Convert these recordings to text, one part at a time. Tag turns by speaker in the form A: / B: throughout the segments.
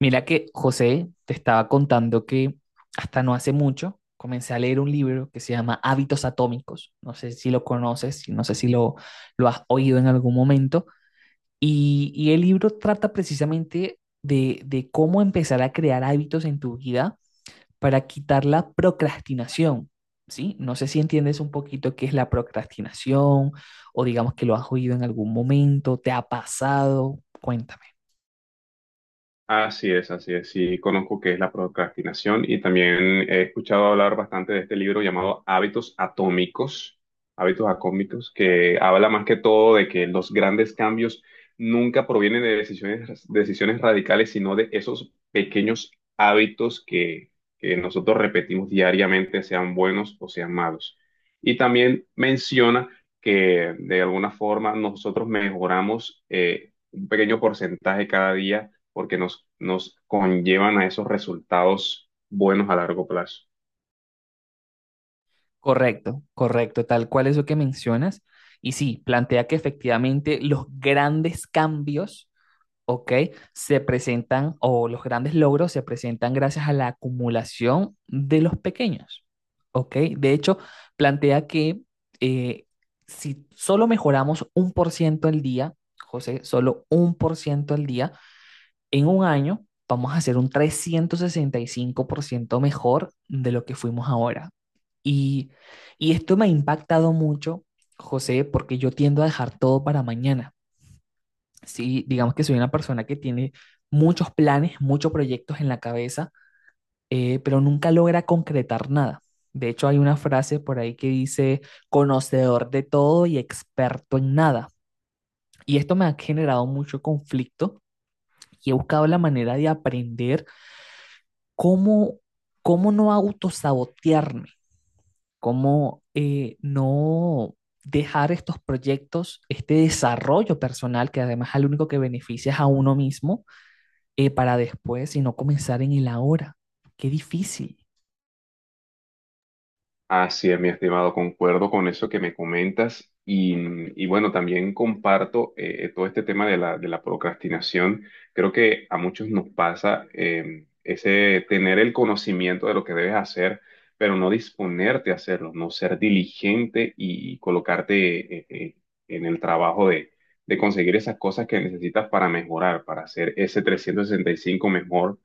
A: Mira que José te estaba contando que hasta no hace mucho comencé a leer un libro que se llama Hábitos Atómicos. No sé si lo conoces, si no sé si lo, lo has oído en algún momento. Y el libro trata precisamente de cómo empezar a crear hábitos en tu vida para quitar la procrastinación. ¿Sí? No sé si entiendes un poquito qué es la procrastinación o digamos que lo has oído en algún momento, te ha pasado. Cuéntame.
B: Así es, así es. Sí, conozco qué es la procrastinación y también he escuchado hablar bastante de este libro llamado Hábitos Atómicos, Hábitos Atómicos, que habla más que todo de que los grandes cambios nunca provienen de decisiones radicales, sino de esos pequeños hábitos que nosotros repetimos diariamente, sean buenos o sean malos. Y también menciona que de alguna forma nosotros mejoramos un pequeño porcentaje cada día porque nos conllevan a esos resultados buenos a largo plazo.
A: Correcto, correcto, tal cual eso que mencionas. Y sí, plantea que efectivamente los grandes cambios, ¿ok? Se presentan, o los grandes logros se presentan gracias a la acumulación de los pequeños, ¿ok? De hecho, plantea que eh, si solo mejoramos 1% al día, José, solo 1% al día, en un año vamos a ser un 365% mejor de lo que fuimos ahora. Y, y esto me ha impactado mucho, José, porque yo tiendo a dejar todo para mañana. Sí, digamos que soy una persona que tiene muchos planes, muchos proyectos en la cabeza, pero nunca logra concretar nada. De hecho, hay una frase por ahí que dice: conocedor de todo y experto en nada. Y esto me ha generado mucho conflicto y he buscado la manera de aprender cómo, cómo no autosabotearme, cómo no dejar estos proyectos, este desarrollo personal, que además al único que beneficia es a uno mismo, para después, sino comenzar en el ahora. Qué difícil.
B: Así es, mi estimado, concuerdo con eso que me comentas y bueno, también comparto todo este tema de la procrastinación. Creo que a muchos nos pasa ese tener el conocimiento de lo que debes hacer, pero no disponerte a hacerlo, no ser diligente y colocarte en el trabajo de conseguir esas cosas que necesitas para mejorar, para hacer ese 365 mejor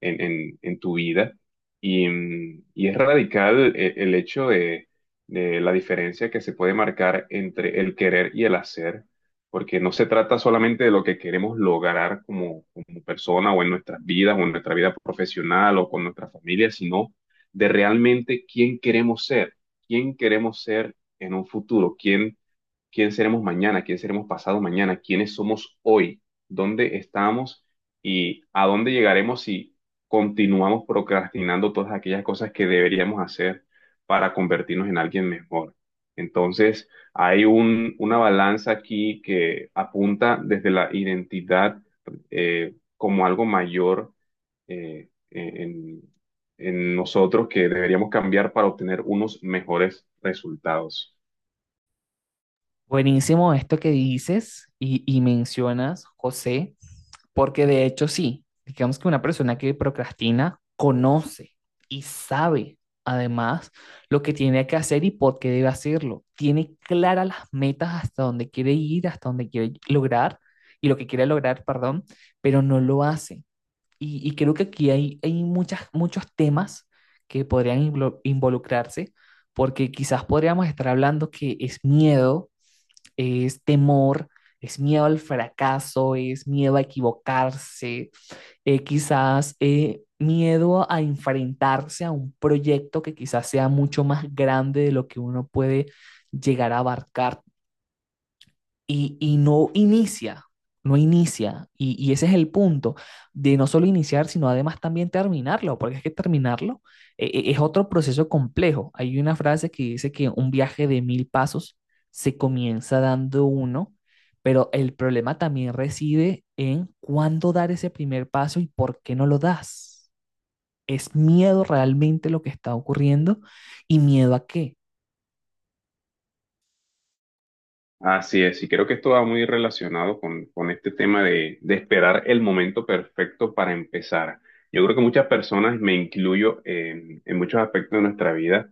B: en en tu vida. Y, y es radical el hecho de la diferencia que se puede marcar entre el querer y el hacer, porque no se trata solamente de lo que queremos lograr como, como persona o en nuestras vidas o en nuestra vida profesional o con nuestra familia, sino de realmente quién queremos ser en un futuro, quién quién seremos mañana, quién seremos pasado mañana, quiénes somos hoy, dónde estamos y a dónde llegaremos si continuamos procrastinando todas aquellas cosas que deberíamos hacer para convertirnos en alguien mejor. Entonces, hay un, una balanza aquí que apunta desde la identidad como algo mayor eh, eh, en, en nosotros que deberíamos cambiar para obtener unos mejores resultados.
A: Buenísimo esto que dices y mencionas, José, porque de hecho sí, digamos que una persona que procrastina conoce y sabe además lo que tiene que hacer y por qué debe hacerlo. Tiene claras las metas, hasta dónde quiere ir, hasta dónde quiere lograr y lo que quiere lograr, perdón, pero no lo hace. Y creo que aquí hay, hay muchas, muchos temas que podrían involucrarse, porque quizás podríamos estar hablando que es miedo, es temor, es miedo al fracaso, es miedo a equivocarse, quizás miedo a enfrentarse a un proyecto que quizás sea mucho más grande de lo que uno puede llegar a abarcar y no inicia, no inicia. Y ese es el punto de no solo iniciar, sino además también terminarlo, porque es que terminarlo es otro proceso complejo. Hay una frase que dice que un viaje de 1000 pasos se comienza dando uno, pero el problema también reside en cuándo dar ese primer paso y por qué no lo das. Es miedo realmente lo que está ocurriendo, y miedo a qué.
B: Así es, y creo que esto va muy relacionado con este tema de esperar el momento perfecto para empezar. Yo creo que muchas personas, me incluyo en muchos aspectos de nuestra vida,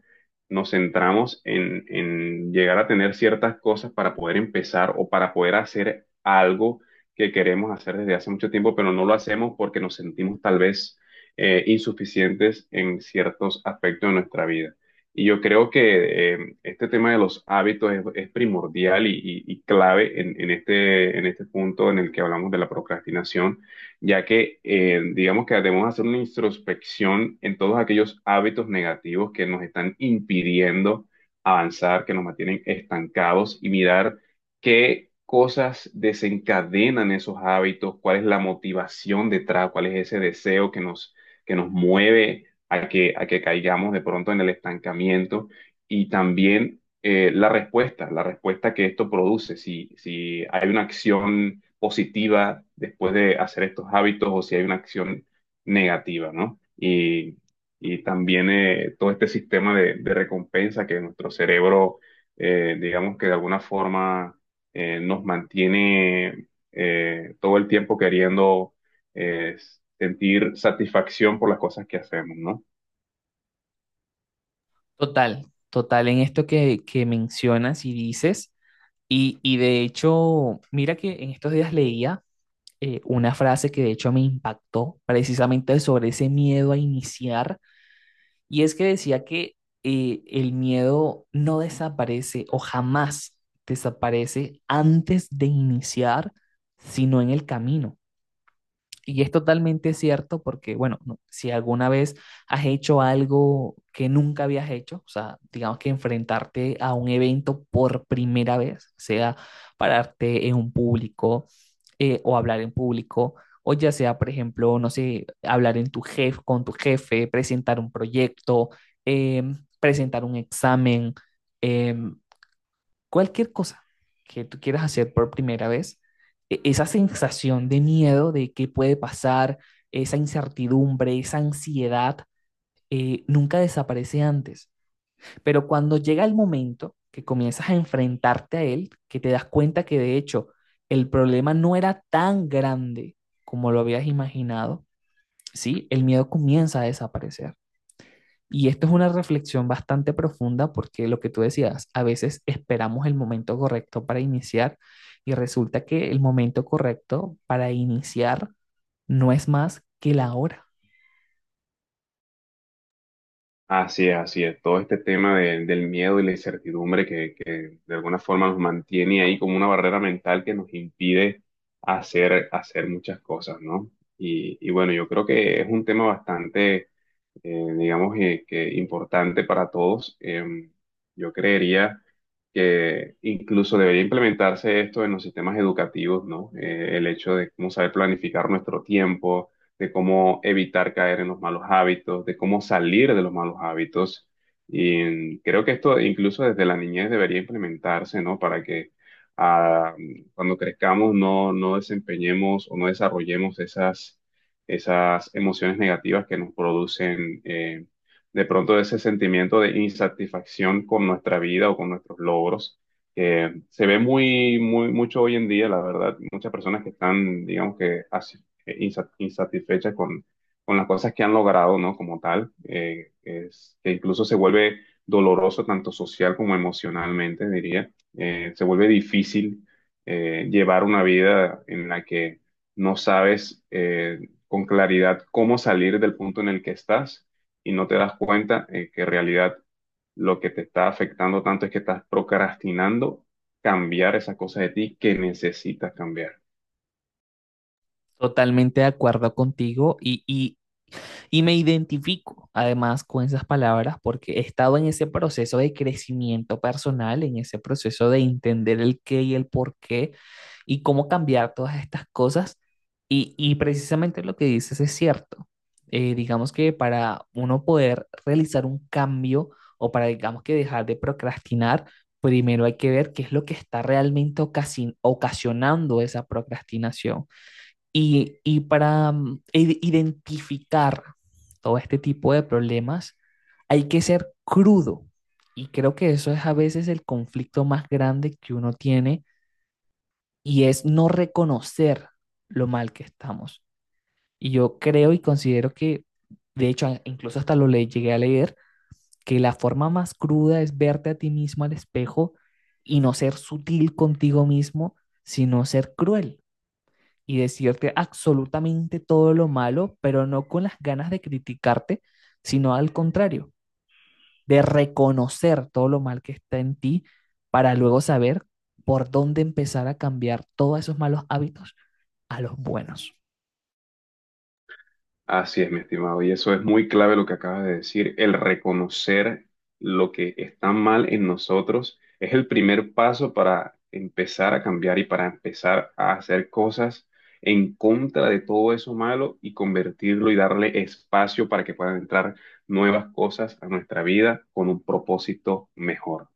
B: nos centramos en llegar a tener ciertas cosas para poder empezar o para poder hacer algo que queremos hacer desde hace mucho tiempo, pero no lo hacemos porque nos sentimos tal vez insuficientes en ciertos aspectos de nuestra vida. Y yo creo que este tema de los hábitos es primordial y clave en este punto en el que hablamos de la procrastinación, ya que digamos que debemos hacer una introspección en todos aquellos hábitos negativos que nos están impidiendo avanzar, que nos mantienen estancados y mirar qué cosas desencadenan esos hábitos, cuál es la motivación detrás, cuál es ese deseo que nos mueve a a que caigamos de pronto en el estancamiento y también la respuesta que esto produce, si, si hay una acción positiva después de hacer estos hábitos o si hay una acción negativa, ¿no? Y también todo este sistema de recompensa que nuestro cerebro, digamos que de alguna forma nos mantiene todo el tiempo queriendo eh, sentir satisfacción por las cosas que hacemos, ¿no?
A: Total, total en esto que mencionas y dices. Y de hecho, mira que en estos días leía una frase que de hecho me impactó precisamente sobre ese miedo a iniciar, y es que decía que el miedo no desaparece, o jamás desaparece antes de iniciar, sino en el camino. Y es totalmente cierto porque, bueno, si alguna vez has hecho algo que nunca habías hecho, o sea, digamos que enfrentarte a un evento por primera vez, sea pararte en un público o hablar en público, o ya sea, por ejemplo, no sé, hablar en tu con tu jefe, presentar un proyecto, presentar un examen, em, cualquier cosa que tú quieras hacer por primera vez, esa sensación de miedo de qué puede pasar, esa incertidumbre, esa ansiedad, nunca desaparece antes. Pero cuando llega el momento que comienzas a enfrentarte a él, que te das cuenta que de hecho el problema no era tan grande como lo habías imaginado, ¿sí? El miedo comienza a desaparecer. Y esto es una reflexión bastante profunda, porque lo que tú decías, a veces esperamos el momento correcto para iniciar, y resulta que el momento correcto para iniciar no es más que la hora.
B: Así es, así es. Todo este tema de- del miedo y la incertidumbre que de alguna forma nos mantiene ahí como una barrera mental que nos impide hacer, hacer muchas cosas, ¿no? Y bueno, yo creo que es un tema bastante digamos que importante para todos. Yo creería que incluso debería implementarse esto en los sistemas educativos, ¿no? El hecho de cómo saber planificar nuestro tiempo, de cómo evitar caer en los malos hábitos, de cómo salir de los malos hábitos. Y creo que esto incluso desde la niñez debería implementarse, ¿no? Para que ah, cuando crezcamos no desempeñemos o no desarrollemos esas esas emociones negativas que nos producen de pronto ese sentimiento de insatisfacción con nuestra vida o con nuestros logros, que se ve muy, muy, mucho hoy en día, la verdad, muchas personas que están, digamos que, insatisfechas con las cosas que han logrado, ¿no? Como tal, que incluso se vuelve doloroso tanto social como emocionalmente, diría. Se vuelve difícil llevar una vida en la que no sabes con claridad cómo salir del punto en el que estás y no te das cuenta que en realidad lo que te está afectando tanto es que estás procrastinando cambiar esa cosa de ti que necesitas cambiar.
A: Totalmente de acuerdo contigo, y, y me identifico además con esas palabras, porque he estado en ese proceso de crecimiento personal, en ese proceso de entender el qué y el por qué y cómo cambiar todas estas cosas. Y precisamente lo que dices es cierto. Digamos que para uno poder realizar un cambio o para, digamos que dejar de procrastinar, primero hay que ver qué es lo que está realmente ocasionando esa procrastinación. Y para identificar todo este tipo de problemas, hay que ser crudo. Y creo que eso es a veces el conflicto más grande que uno tiene, y es no reconocer lo mal que estamos. Y yo creo y considero que, de hecho, incluso hasta lo le llegué a leer, que la forma más cruda es verte a ti mismo al espejo y no ser sutil contigo mismo, sino ser cruel y decirte absolutamente todo lo malo, pero no con las ganas de criticarte, sino al contrario, de reconocer todo lo mal que está en ti para luego saber por dónde empezar a cambiar todos esos malos hábitos a los buenos.
B: Así es, mi estimado, y eso es muy clave lo que acabas de decir. El reconocer lo que está mal en nosotros es el primer paso para empezar a cambiar y para empezar a hacer cosas en contra de todo eso malo y convertirlo y darle espacio para que puedan entrar nuevas cosas a nuestra vida con un propósito mejor.